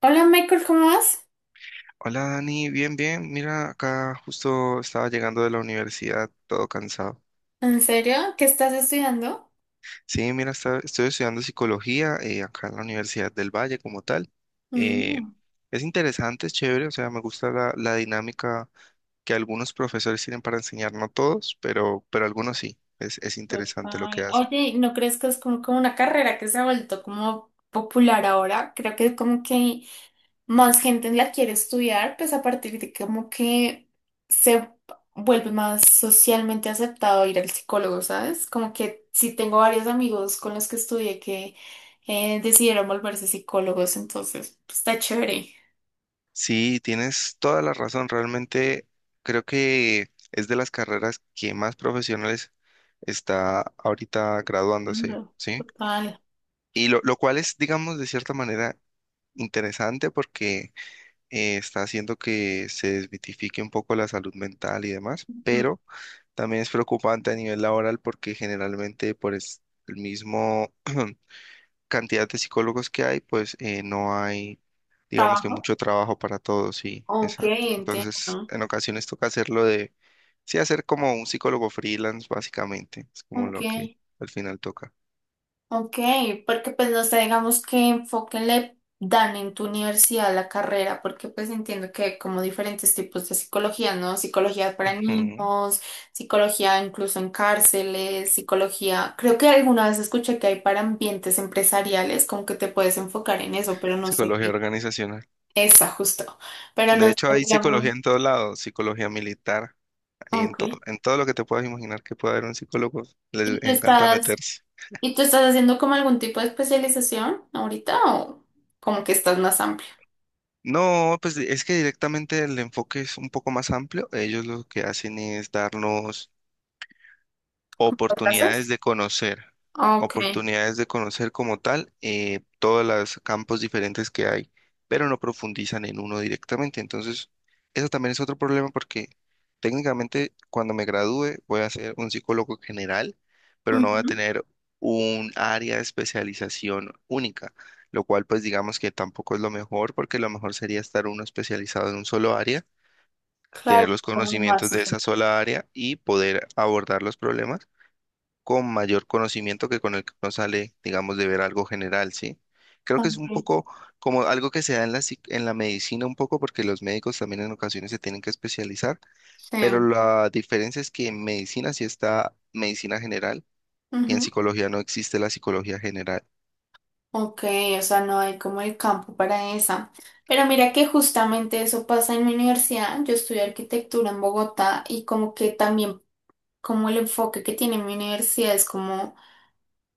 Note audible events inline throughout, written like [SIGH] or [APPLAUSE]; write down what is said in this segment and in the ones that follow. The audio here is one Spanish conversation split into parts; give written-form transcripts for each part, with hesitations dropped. Hola Michael, ¿cómo vas? Hola Dani, bien, bien. Mira, acá justo estaba llegando de la universidad, todo cansado. ¿En serio? ¿Qué estás estudiando? Sí, mira, estoy estudiando psicología, acá en la Universidad del Valle como tal. Eh, Mm, es interesante, es chévere, o sea, me gusta la dinámica que algunos profesores tienen para enseñar, no todos, pero, algunos sí, es interesante lo que total. hacen. Oye, ¿no crees que es como una carrera que se ha vuelto como popular ahora? Creo que como que más gente la quiere estudiar, pues a partir de como que se vuelve más socialmente aceptado ir al psicólogo, ¿sabes? Como que sí tengo varios amigos con los que estudié que decidieron volverse psicólogos, entonces pues, está chévere. Sí, tienes toda la razón, realmente creo que es de las carreras que más profesionales está ahorita graduándose, Ando, ¿sí? total. Y lo cual es, digamos, de cierta manera interesante porque está haciendo que se desmitifique un poco la salud mental y demás, Ujú. pero también es preocupante a nivel laboral porque generalmente el mismo cantidad de psicólogos que hay, pues no hay, digamos, que ¿Trabajo? mucho trabajo para todos, sí, Ok, exacto. Entonces, entiendo. en ocasiones toca sí, hacer como un psicólogo freelance, básicamente, es como Ok, lo que al final toca. ok, porque pues no sé, digamos qué enfoque le dan en tu universidad a la carrera, porque pues entiendo que hay como diferentes tipos de psicología, ¿no? Psicología para Ujú. niños, psicología incluso en cárceles, psicología, creo que alguna vez escuché que hay para ambientes empresariales, como que te puedes enfocar en eso, pero no sé Psicología qué organizacional. está justo, pero no De sé, hecho, hay psicología digamos, en todos lados, psicología militar, ahí ok. En todo lo que te puedas imaginar que pueda haber un psicólogo, les ¿Y tú encanta estás... meterse. ¿Y tú estás haciendo como algún tipo de especialización ahorita o como que estás más amplio? No, pues es que directamente el enfoque es un poco más amplio. Ellos lo que hacen es darnos ¿Lo oportunidades haces? de conocer, Ok. oportunidades de conocer como tal, todos los campos diferentes que hay, pero no profundizan en uno directamente. Entonces, eso también es otro problema porque técnicamente cuando me gradúe voy a ser un psicólogo general, pero no voy a Ujú. tener un área de especialización única, lo cual, pues, digamos que tampoco es lo mejor porque lo mejor sería estar uno especializado en un solo área, Claro, tener los como más. conocimientos de Ujú. esa sola área y poder abordar los problemas con mayor conocimiento que con el que uno sale, digamos, de ver algo general, ¿sí? Creo que es un Ok. poco como algo que se da en en la medicina un poco, porque los médicos también en ocasiones se tienen que especializar, pero Sí. la diferencia es que en medicina sí está medicina general y en Ujú. psicología no existe la psicología general. Ok, o sea, no hay como el campo para esa. Pero mira que justamente eso pasa en mi universidad. Yo estudio arquitectura en Bogotá y como que también como el enfoque que tiene mi universidad es como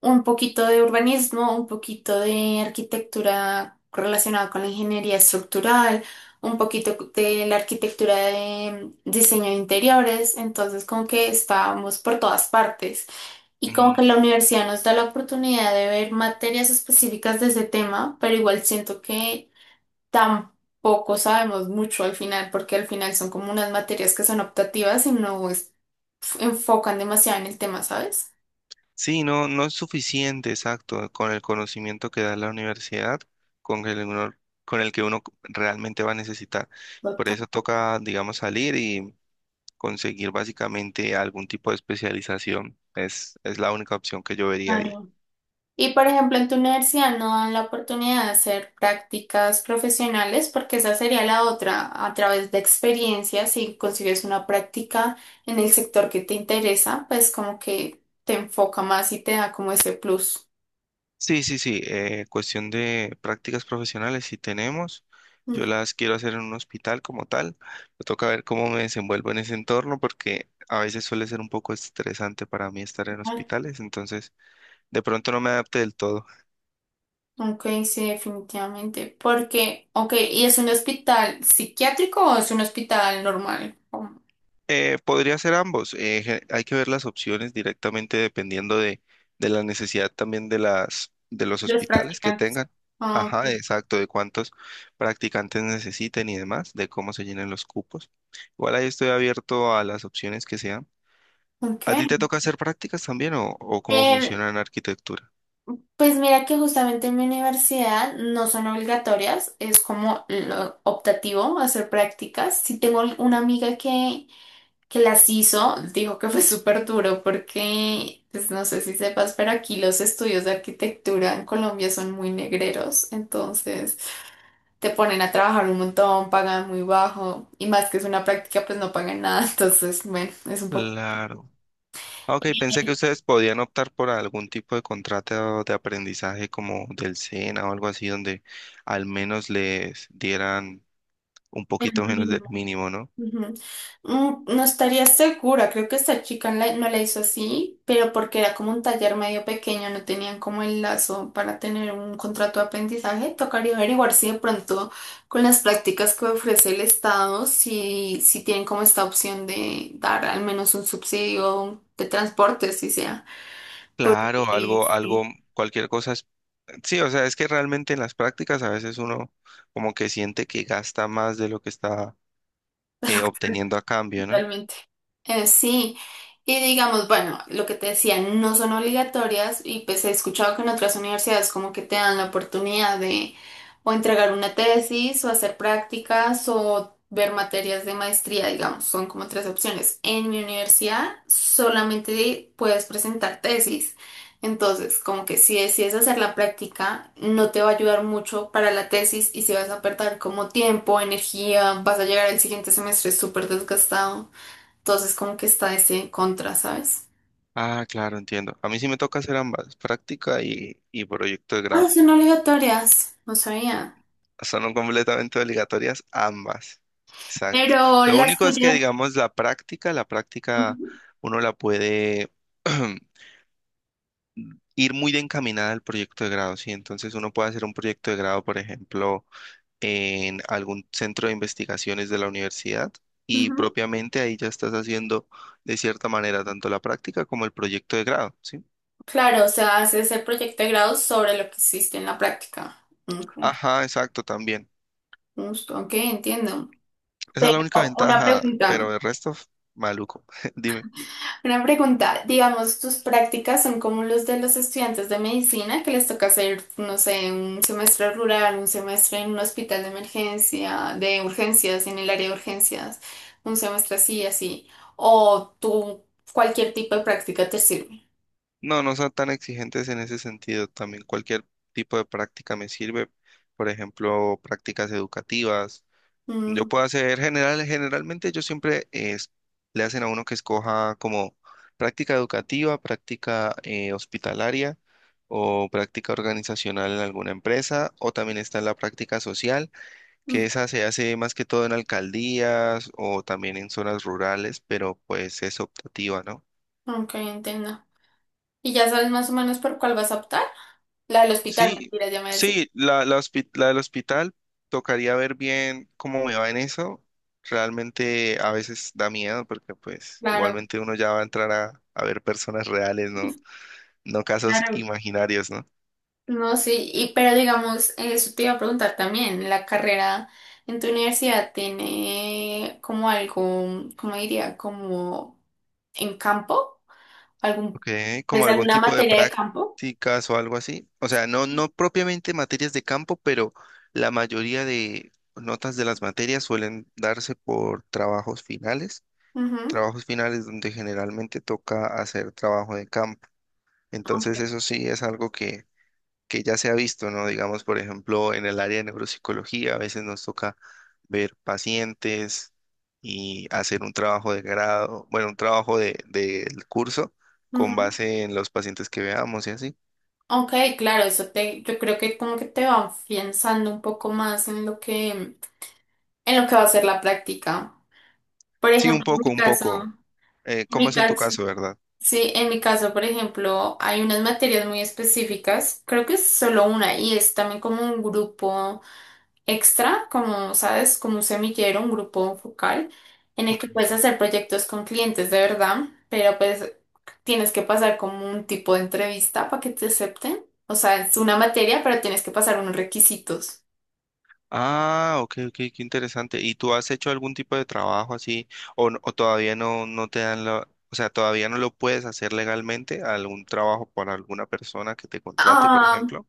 un poquito de urbanismo, un poquito de arquitectura relacionada con la ingeniería estructural, un poquito de la arquitectura de diseño de interiores, entonces como que estábamos por todas partes y como que Mm. la universidad nos da la oportunidad de ver materias específicas de ese tema, pero igual siento que tampoco sabemos mucho al final porque al final son como unas materias que son optativas y no es- enfocan demasiado en el tema, ¿sabes? Sí, no, no es suficiente, exacto, con el conocimiento que da la universidad, con el, uno- con el que uno realmente va a necesitar. Por Total. eso toca, digamos, salir, conseguir básicamente algún tipo de especialización. Es la única opción que yo vería ahí. Claro. Y por ejemplo, en tu universidad no dan la oportunidad de hacer prácticas profesionales, porque esa sería la otra, a través de experiencias, si consigues una práctica en el sector que te interesa, pues como que te enfoca más y te da como ese plus. Sí, sí, sí. Cuestión de prácticas profesionales, si tenemos. Ujú. Yo las quiero hacer en un hospital como tal. Me toca ver cómo me desenvuelvo en ese entorno porque a veces suele ser un poco estresante para mí estar en hospitales. Entonces, de pronto no me adapte del todo. Ok, sí, definitivamente. Porque, ok, ¿y es un hospital psiquiátrico o es un hospital normal? Como Podría ser ambos. Hay que ver las opciones directamente dependiendo de la necesidad también de de los los hospitales que practicantes. tengan. Ah, Ajá, ok. exacto, de cuántos practicantes necesiten y demás, de cómo se llenen los cupos. Igual ahí estoy abierto a las opciones que sean. Ok. ¿A ti te toca hacer prácticas también o cómo Eh, funciona en arquitectura? Pues mira que justamente en mi universidad no son obligatorias, es como lo optativo hacer prácticas. Sí tengo una amiga que las hizo, dijo que fue súper duro porque, pues no sé si sepas, pero aquí los estudios de arquitectura en Colombia son muy negreros, entonces te ponen a trabajar un montón, pagan muy bajo y más que es una práctica, pues no pagan nada, [LAUGHS] entonces bueno, es un poco... Claro. Ah, ok, pensé que ustedes podían optar por algún tipo de contrato de aprendizaje como del SENA o algo así, donde al menos les dieran un poquito menos del mínimo, ¿no? Ujú. Mm, no estaría segura, creo que esta chica no la hizo así, pero porque era como un taller medio pequeño, no tenían como el lazo para tener un contrato de aprendizaje. Tocaría averiguar si de pronto con las prácticas que ofrece el Estado, si tienen como esta opción de dar al menos un subsidio de transporte, si sea. Porque Claro, algo, algo, sí. cualquier cosa es... Sí, o sea, es que realmente en las prácticas a veces uno como que siente que gasta más de lo que está obteniendo a cambio, ¿no? Totalmente. Sí, y digamos, bueno, lo que te decía, no son obligatorias y pues he escuchado que en otras universidades como que te dan la oportunidad de o entregar una tesis o hacer prácticas o ver materias de maestría, digamos, son como tres opciones. En mi universidad solamente puedes presentar tesis, entonces como que si decides hacer la práctica no te va a ayudar mucho para la tesis y si vas a perder como tiempo, energía, vas a llegar al siguiente semestre súper desgastado. Entonces como que está ese contra, ¿sabes? Ah, claro, entiendo. A mí sí me toca hacer ambas, práctica y proyecto de Ah, grado. son obligatorias, no sabía. Son completamente obligatorias ambas. Exacto. Pero Lo las único es que, tuyas... digamos, la práctica Ujú, uno la puede [CLEARS THROAT] ir muy de encaminada al proyecto de grado, ¿sí? Entonces uno puede hacer un proyecto de grado, por ejemplo, en algún centro de investigaciones de la universidad y ujú. propiamente ahí ya estás haciendo de cierta manera tanto la práctica como el proyecto de grado, ¿sí? Claro, o sea, haces el proyecto de grado sobre lo que hiciste en la práctica. Ok, Ajá, exacto, también. justo, ok, entiendo. Esa es Pero la única una ventaja, pregunta. pero el resto, maluco, [LAUGHS] dime. Una pregunta, digamos, tus prácticas son como los de los estudiantes de medicina que les toca hacer, no sé, un semestre rural, un semestre en un hospital de emergencia, de urgencias, en el área de urgencias, un semestre así, así, o tú, cualquier tipo de práctica te sirve. No, no son tan exigentes en ese sentido. También cualquier tipo de práctica me sirve. Por ejemplo, prácticas educativas. Yo Mm, puedo hacer general, generalmente yo siempre es, le hacen a uno que escoja como práctica educativa, práctica hospitalaria o práctica organizacional en alguna empresa, o también está la práctica social, que mm, esa se hace más que todo en alcaldías o también en zonas rurales, pero pues es optativa, ¿no? ok, entiendo. ¿Y ya sabes más o menos por cuál vas a optar? La del hospital, Sí, mentira, ya me decís. sí, la del hospital, tocaría ver bien cómo me va en eso. Realmente a veces da miedo porque pues Claro, igualmente uno ya va a entrar a ver personas reales, ¿no? No casos claro. imaginarios, ¿no? No, sí, y, pero digamos, eso te iba a preguntar también, la carrera en tu universidad tiene como algo, ¿cómo diría? Como en campo, algún, Ok, pues como algún alguna tipo de materia de campo. prácticas o algo así. O sea, no, no propiamente materias de campo, pero la mayoría de notas de las materias suelen darse por Ujú. trabajos finales donde generalmente toca hacer trabajo de campo. Entonces, Ok. eso sí es algo que ya se ha visto, ¿no? Digamos, por ejemplo, en el área de neuropsicología, a veces nos toca ver pacientes y hacer un trabajo de grado, bueno, un trabajo del curso con Ujú. base en los pacientes que veamos y así. Ok, claro, eso te, yo creo que como que te va afianzando un poco más en lo que va a ser la práctica. Por Sí, un ejemplo, poco, un poco. en ¿Cómo mi es en tu caso, caso, verdad? Sí, en mi caso, por ejemplo, hay unas materias muy específicas, creo que es solo una y es también como un grupo extra, como sabes, como un semillero, un grupo focal, en el Ok. que puedes hacer proyectos con clientes de verdad, pero pues tienes que pasar como un tipo de entrevista para que te acepten. O sea, es una materia, pero tienes que pasar unos requisitos. Ah, ok, ok, qué interesante. ¿Y tú has hecho algún tipo de trabajo así o todavía no, no te dan la, o sea, todavía no lo puedes hacer legalmente, algún trabajo para alguna persona que te contrate, por Ah, ejemplo?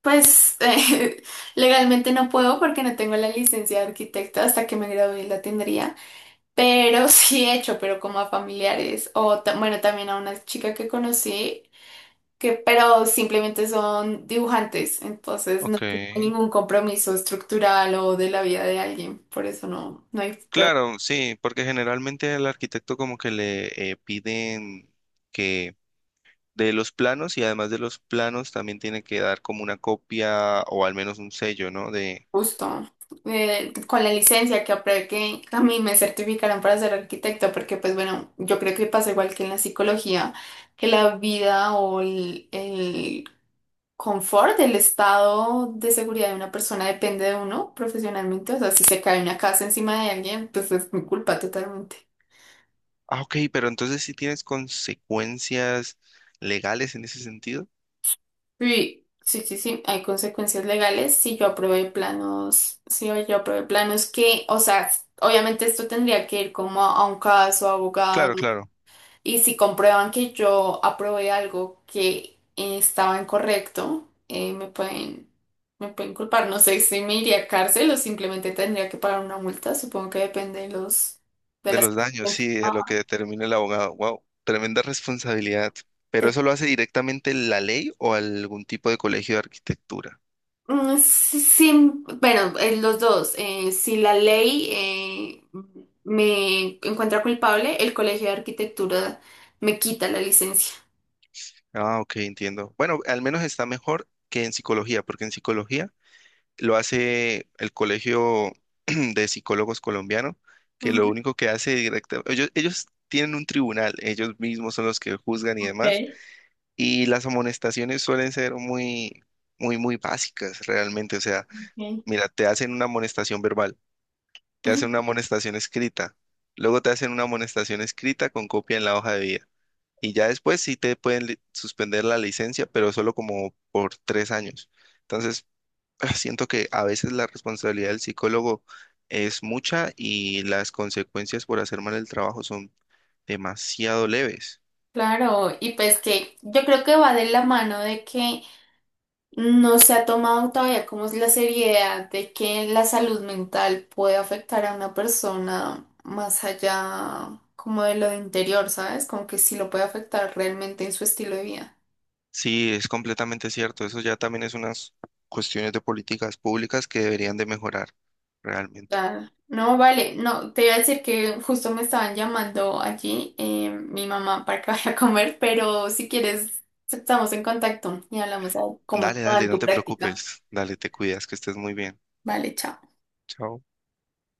pues [LAUGHS] legalmente no puedo porque no tengo la licencia de arquitecta, hasta que me gradué la tendría. Pero [LAUGHS] sí he hecho, pero como a familiares o bueno, también a una chica que conocí, que pero simplemente son dibujantes, entonces no Ok. tiene ningún compromiso estructural o de la vida de alguien, por eso no, no hay prueba de Claro, sí, porque generalmente al arquitecto como que le piden que de los planos y además de los planos también tiene que dar como una copia o al menos un sello, ¿no? De, con la licencia que a mí me certificaron para ser arquitecto, porque pues bueno, yo creo que pasa igual que en la psicología, que la vida o confort, el estado de seguridad de una persona depende de uno profesionalmente. O sea, si se cae una casa encima de alguien, pues es mi culpa totalmente. ah, ok, pero entonces sí tienes consecuencias legales en ese sentido. Sí, sí, sí, sí, hay consecuencias legales si yo aprobé planos, si yo aprobé planos que, o sea, obviamente esto tendría que ir como a un caso, Claro, abogados. claro. Y si comprueban que yo aprobé algo que estaba incorrecto, me pueden culpar. No sé si me iría a cárcel o simplemente tendría que pagar una multa. Supongo que depende de los, de De las... los daños, sí, de lo que Ah, determina el abogado. Wow, tremenda responsabilidad. ¿Pero to- eso lo hace directamente la ley o algún tipo de colegio de arquitectura? Sí, sí, bueno, los dos. Si la ley me encuentra culpable, el Colegio de Arquitectura me quita la licencia. Ah, ok, entiendo. Bueno, al menos está mejor que en psicología, porque en psicología lo hace el Colegio [CLEARS THROAT] de Psicólogos Colombiano, que lo Ujú. único que hace directamente, ellos tienen un tribunal, ellos mismos son los que juzgan y demás, Ok. y las amonestaciones suelen ser muy, muy, muy básicas realmente. O sea, mira, te hacen una amonestación verbal, te hacen una Ok. amonestación escrita. Luego te hacen una amonestación escrita con copia en la hoja de vida. Y ya después sí te pueden suspender la licencia, pero solo como por 3 años. Entonces, ah, siento que a veces la responsabilidad del psicólogo es mucha y las consecuencias por hacer mal el trabajo son demasiado leves. Claro, y pues que yo creo que va de la mano de que no se ha tomado todavía como es la seriedad de que la salud mental puede afectar a una persona más allá como de lo interior, ¿sabes? Como que sí lo puede afectar realmente en su estilo de vida. Sí, es completamente cierto. Eso ya también es unas cuestiones de políticas públicas que deberían de mejorar realmente. Claro. No, vale, no, te iba a decir que justo me estaban llamando allí mi mamá para que [LAUGHS] vaya a comer, pero si quieres estamos en contacto y hablamos de cómo Dale, te va dale, en no tu te práctica. preocupes. Dale, te cuidas, que estés muy bien. Vale, chao. Chao.